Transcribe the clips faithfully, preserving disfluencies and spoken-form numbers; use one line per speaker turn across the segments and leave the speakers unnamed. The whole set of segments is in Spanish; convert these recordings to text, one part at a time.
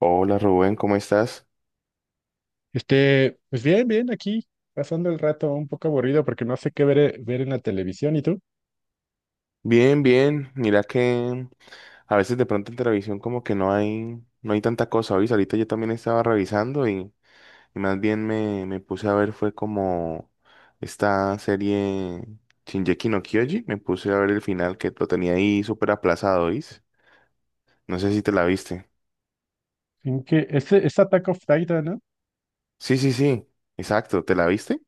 Hola Rubén, ¿cómo estás?
Este, pues bien, bien, aquí, pasando el rato un poco aburrido porque no sé qué ver, ver en la televisión. ¿Y tú?
Bien, bien. Mira que a veces de pronto en televisión como que no hay, no hay tanta cosa. ¿Oís? Ahorita yo también estaba revisando y, y más bien me, me puse a ver fue como esta serie Shingeki no Kyoji. Me puse a ver el final que lo tenía ahí súper aplazado, ¿oís? No sé si te la viste.
¿En qué? Este, es Attack of Titan, ¿no?
Sí, sí, sí. Exacto, ¿te la viste?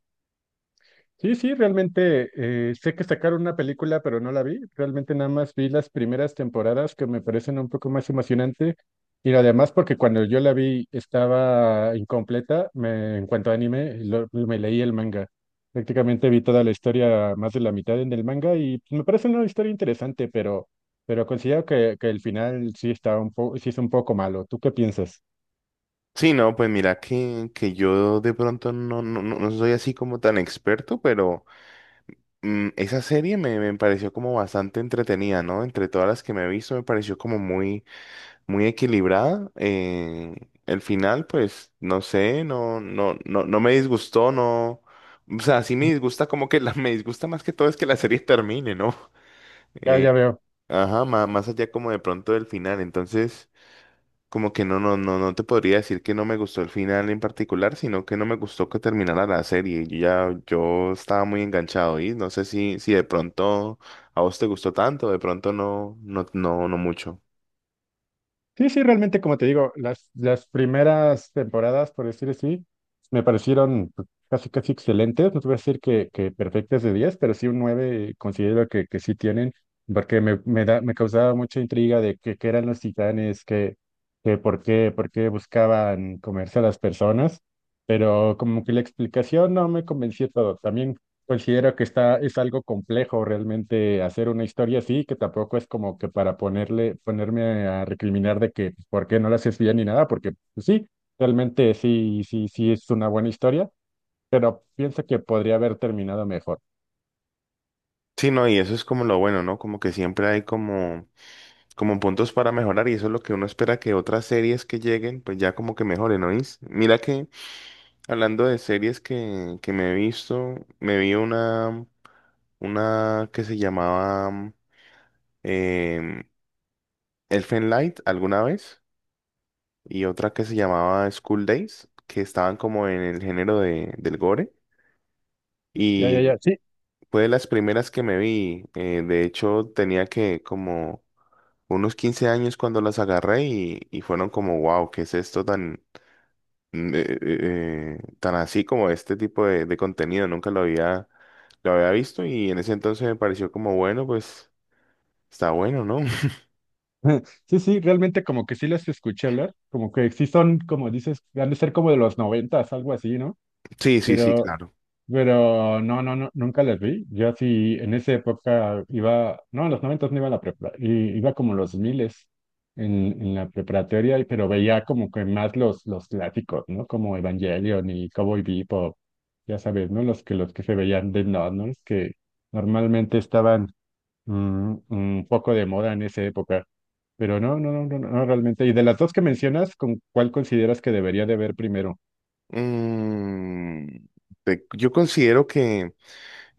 Sí, sí, realmente eh, sé que sacaron una película, pero no la vi. Realmente nada más vi las primeras temporadas que me parecen un poco más emocionante. Y además porque cuando yo la vi estaba incompleta, me, en cuanto a anime, lo- me leí el manga. Prácticamente vi toda la historia, más de la mitad en el manga, y me parece una historia interesante, pero, pero considero que, que el final sí está un poco, sí es un poco malo. ¿Tú qué piensas?
Sí, no, pues mira que, que yo de pronto no, no, no no soy así como tan experto, pero... Mm, esa serie me, me pareció como bastante entretenida, ¿no? Entre todas las que me he visto, me pareció como muy, muy equilibrada. Eh, el final, pues, no sé, no, no, no, no me disgustó, no. O sea, sí me
Ujú.
disgusta como que la, me disgusta más que todo es que la serie termine, ¿no?
Ya,
Eh,
ya veo.
ajá, ma- más, allá como de pronto del final. Entonces, como que no, no, no, no te podría decir que no me gustó el final en particular, sino que no me gustó que terminara la serie. Yo ya, yo estaba muy enganchado y no sé si, si de pronto a vos te gustó tanto, de pronto no, no, no, no mucho.
Sí, sí, realmente, como te digo, las, las primeras temporadas, por decir así, me parecieron pues, casi, casi excelentes. No te voy a decir que, que perfectas de diez, pero sí un nueve considero que, que sí tienen, porque me, me, da, me causaba mucha intriga de que, qué eran los titanes, que, que por qué, por qué buscaban comerse a las personas, pero como que la explicación no me convenció todo. También considero que está, es algo complejo realmente hacer una historia así, que tampoco es como que para ponerle, ponerme a recriminar de que pues, por qué no la haces bien ni nada, porque pues, sí, realmente sí, sí, sí es una buena historia, pero pienso que podría haber terminado mejor.
Sí, no, y eso es como lo bueno, ¿no? Como que siempre hay como, como puntos para mejorar y eso es lo que uno espera que otras series que lleguen, pues ya como que mejoren, ¿no? ¿Oís? Mira que hablando de series que, que me he visto, me vi una, una que se llamaba em, Elfen Light alguna vez y otra que se llamaba School Days, que estaban como en el género de, del gore.
Ya, ya,
Y
ya, sí.
fue de las primeras que me vi. eh, de hecho, tenía que como unos quince años cuando las agarré y, y fueron como, wow, ¿qué es esto tan, mm, eh, eh, eh, tan así como este tipo de, de contenido? Nunca lo había, Lo había visto y en ese entonces me pareció como, bueno, pues está bueno, ¿no?
Sí, sí, realmente como que sí las escuché hablar, como que sí son, como dices, han de ser como de los noventas, algo así, ¿no?
Sí, sí, sí,
pero
claro.
Pero no, no, no, nunca las vi. Yo sí, en esa época iba, no, en los noventas no iba a la prepa, i- iba como los miles en, en la preparatoria, y- pero veía como que más los, los clásicos, ¿no? Como Evangelion y Cowboy Bebop, ya sabes, ¿no? Los que, los que se veían de no, ¿no? Los que normalmente estaban mm, un poco de moda en esa época. Pero no, no, no, no, no, realmente. Y de las dos que mencionas, ¿con cuál consideras que debería de ver primero?
Mm, te- yo considero que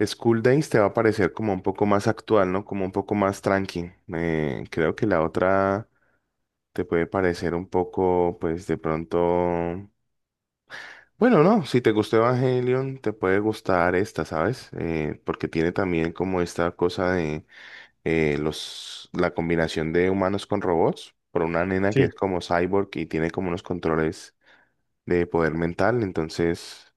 School Days te va a parecer como un poco más actual, ¿no? Como un poco más tranqui. Eh, creo que la otra te puede parecer un poco, pues de pronto... Bueno, no, si te gustó Evangelion, te puede gustar esta, ¿sabes? Eh, porque tiene también como esta cosa de eh, los, la combinación de humanos con robots, por una nena que
Sí,
es como cyborg y tiene como unos controles de poder mental, entonces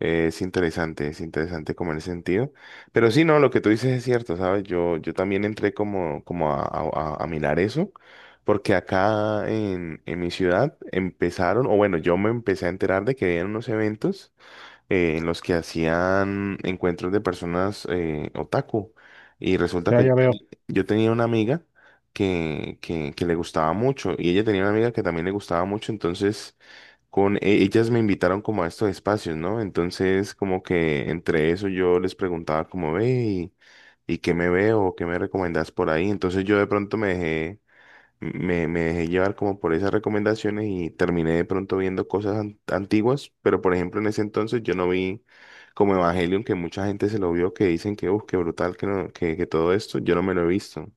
eh, es interesante, es interesante como en ese sentido. Pero sí, no, lo que tú dices es cierto, ¿sabes? Yo, yo también entré como, como a, a- a- a mirar eso, porque acá en, en mi ciudad empezaron, o bueno, yo me empecé a enterar de que habían unos eventos eh, en los que hacían encuentros de personas eh, otaku. Y resulta
ya,
que yo,
ya veo,
teni- yo tenía una amiga que, que, que le gustaba mucho, y ella tenía una amiga que también le gustaba mucho, entonces con e- ellas me invitaron como a estos espacios, ¿no? Entonces, como que entre eso yo les preguntaba como ve y, y qué me veo, qué me recomendás por ahí. Entonces yo de pronto me dejé, me, me dejé llevar como por esas recomendaciones y terminé de pronto viendo cosas an- antiguas, pero por ejemplo en ese entonces yo no vi como Evangelion, que mucha gente se lo vio, que dicen que, uff, qué brutal, que, no- que, que todo esto, yo no me lo he visto.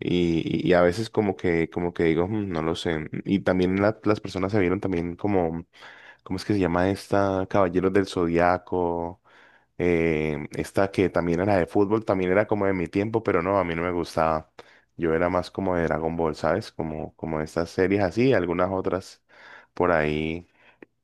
Y, y y a veces como que, como que digo, "Mm, no lo sé". Y también la- las personas se vieron también como, ¿cómo es que se llama esta? Caballeros del Zodiaco. Eh, esta que también era de fútbol, también era como de mi tiempo, pero no, a mí no me gustaba. Yo era más como de Dragon Ball, ¿sabes? Como, como estas series así, algunas otras por ahí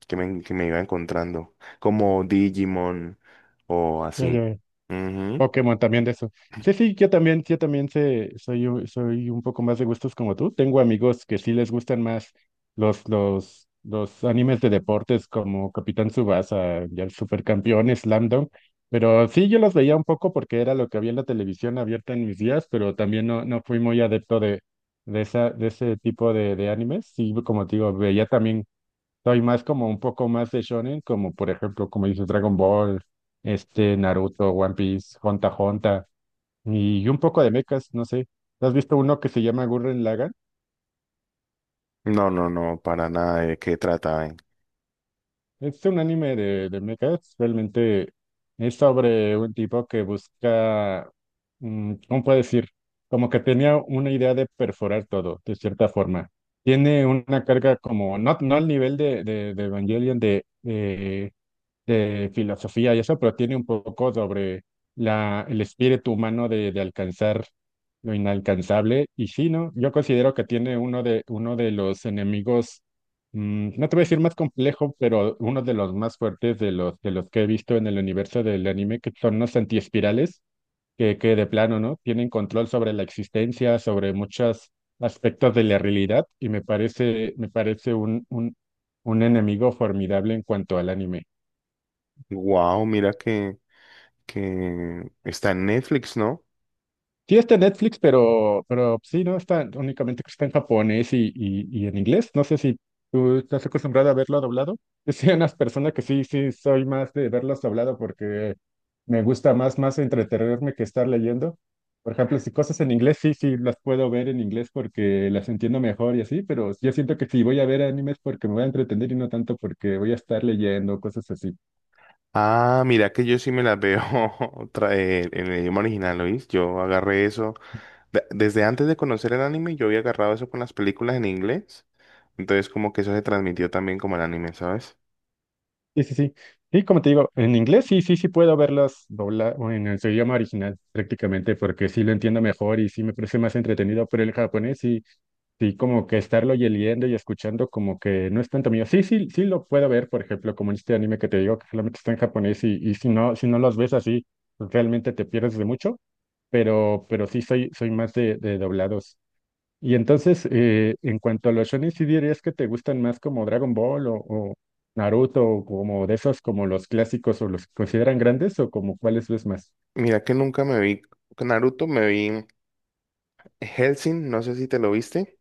que me, que me iba encontrando, como Digimon o
ya,
así.
ya veo.
Ujú.
Pokémon también de eso. Sí, sí, yo también, yo también sé, soy, un- soy un poco más de gustos como tú. Tengo amigos que sí les gustan más los, los, los animes de deportes como Capitán Tsubasa y el Supercampeón, Slam Dunk. Pero sí, yo los veía un poco porque era lo que había en la televisión abierta en mis días, pero también no, no fui muy adepto de, de esa, de ese tipo de, de animes. Sí, como te digo, veía también soy más como un poco más de shonen, como por ejemplo, como dices, Dragon Ball, este, Naruto, One Piece, Honta Honta, y un poco de mechas, no sé. ¿Has visto uno que se llama Gurren Lagann?
No, no, no, para nada. ¿De qué trata?
Es un anime de, de mechas, realmente es sobre un tipo que busca, mm, ¿cómo puedo decir? Como que tenía una idea de perforar todo, de cierta forma. Tiene una carga como, no, no al nivel de, de, de Evangelion, de, eh, de filosofía y eso, pero tiene un poco sobre la, el espíritu humano de, de alcanzar lo inalcanzable. Y sí, ¿no? Yo considero que tiene uno de, uno de los enemigos, mm, no te voy a decir más complejo, pero uno de los más fuertes de los, de los que he visto en el universo del anime, que son los antiespirales, que, que de plano, ¿no? Tienen control sobre la existencia, sobre muchos aspectos de la realidad, y me parece, me parece un, un, un enemigo formidable en cuanto al anime.
Wow, mira que, que está en Netflix, ¿no?
Sí, está en Netflix, pero, pero sí, ¿no? Está únicamente que está en japonés y, y, y en inglés. No sé si tú estás acostumbrado a verlo doblado. Yo soy una persona que sí, sí, soy más de verlos doblado porque me gusta más, más entretenerme que estar leyendo. Por ejemplo, si cosas en inglés, sí, sí, las puedo ver en inglés porque las entiendo mejor y así, pero yo siento que si voy a ver animes porque me voy a entretener y no tanto porque voy a estar leyendo, cosas así.
Ah, mira que yo sí me las veo otra- eh, en el idioma original, ¿oís? Yo agarré eso. de- desde antes de conocer el anime, yo había agarrado eso con las películas en inglés. Entonces, como que eso se transmitió también como el anime, ¿sabes?
Sí, sí, sí. Sí, como te digo, en inglés sí, sí, sí puedo verlas dobladas en el- su idioma original prácticamente porque sí lo entiendo mejor y sí me parece más entretenido, pero el japonés sí, sí como que estarlo y leyendo y escuchando como que no es tanto mío. Sí, sí, sí lo puedo ver, por ejemplo, como en este anime que te digo que solamente está en japonés y, y si no, si no los ves así, pues realmente te pierdes de mucho, pero, pero sí soy, soy más de, de doblados. Y entonces, eh, en cuanto a los shonen, ¿sí dirías que te gustan más como Dragon Ball o, o Naruto o como de esos como los clásicos o los que consideran grandes o como cuáles ves más?
Mira que nunca me vi con Naruto, me vi Hellsing, no sé si te lo viste.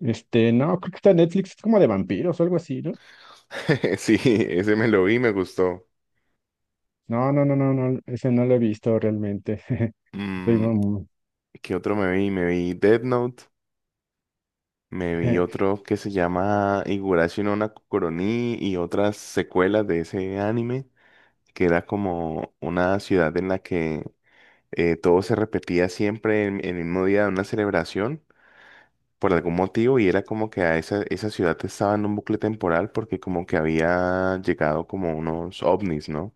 Este, no, creo que está en Netflix, es como de vampiros o algo así, ¿no?
Sí, ese me lo vi, me gustó.
No, no, no, no, no, ese no lo he visto realmente. Soy
Mm,
muy-
¿qué otro me vi? Me vi Death Note. Me vi otro que se llama Higurashi no Nakoroni y otras secuelas de ese anime. Que era como una ciudad en la que eh, todo se repetía siempre en, en el mismo día de una celebración por algún motivo y era como que a esa, esa ciudad estaba en un bucle temporal porque como que había llegado como unos ovnis, ¿no?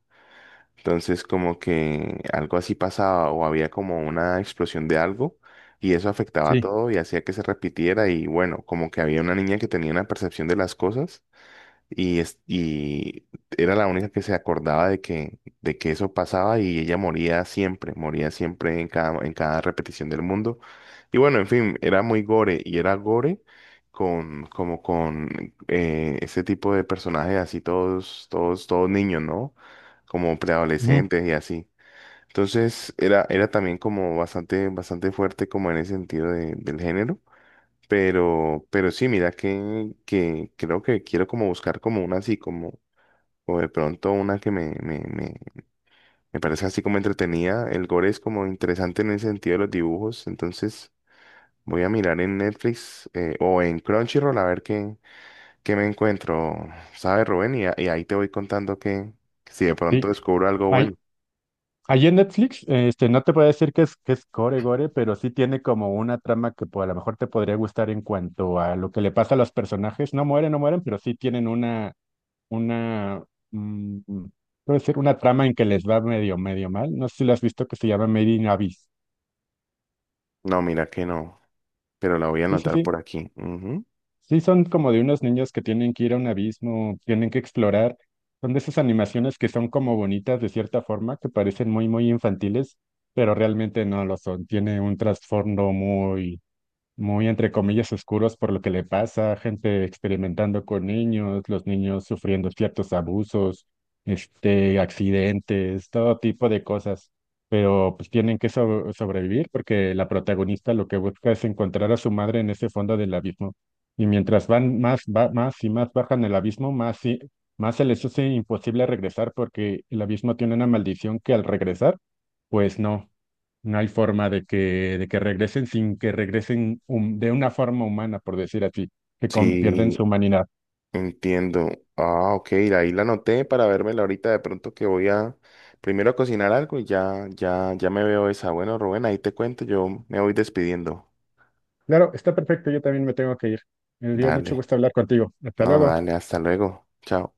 Entonces como que algo así pasaba o había como una explosión de algo y eso afectaba a
Sí,
todo y hacía que se repitiera y bueno, como que había una niña que tenía una percepción de las cosas y, es- y era la única que se acordaba de que, de que eso pasaba y ella moría siempre, moría siempre en cada, en cada repetición del mundo. Y bueno, en fin, era muy gore y era gore con, como con eh, ese tipo de personajes así todos, todos, todos niños, ¿no? Como
ujú,
preadolescentes y así. Entonces era, era también como bastante, bastante fuerte como en ese sentido de- del género. Pero, pero sí, mira que, que creo que quiero como buscar como una así, como, o de pronto una que me, me, me me parece así como entretenida. El gore es como interesante en el sentido de los dibujos, entonces voy a mirar en Netflix eh, o en Crunchyroll a ver qué, qué me encuentro, ¿sabes, Rubén? Y, a- y ahí te voy contando que si de pronto
sí.
descubro algo
Hay,
bueno.
allí en Netflix, este, no te voy a decir que es, que es gore gore, pero sí tiene como una trama que pues, a lo mejor te podría gustar en cuanto a lo que le pasa a los personajes. No mueren, no mueren, pero sí tienen una, una, mm, puedo decir, una trama en que les va medio, medio mal. No sé si lo has visto que se llama Made in Abyss.
No, mira que no, pero la voy a
Sí, sí,
anotar por
sí.
aquí. Ujú.
Sí, son como de unos niños que tienen que ir a un abismo, tienen que explorar. Son de esas animaciones que son como bonitas de cierta forma, que parecen muy, muy infantiles pero realmente no lo son. Tiene un trasfondo muy muy entre comillas oscuros por lo que le pasa, gente experimentando con niños, los niños sufriendo ciertos abusos, este, accidentes, todo tipo de cosas. Pero pues tienen que so- sobrevivir porque la protagonista lo que busca es encontrar a su madre en ese fondo del abismo. Y mientras van más, va, más y más bajan el abismo, más, y, más se les hace imposible regresar porque el abismo tiene una maldición que al regresar, pues no. No hay forma de que, de que regresen sin que regresen hum- de una forma humana, por decir así, que con- pierden su
Sí,
humanidad.
entiendo. Ah, ok, ahí la anoté para vérmela ahorita de pronto que voy a primero a cocinar algo y ya, ya, ya me veo esa. Bueno, Rubén, ahí te cuento, yo me voy despidiendo.
Claro, está perfecto, yo también me tengo que ir. Me dio mucho
Dale,
gusto hablar contigo. Hasta
no,
luego.
dale, hasta luego. Chao.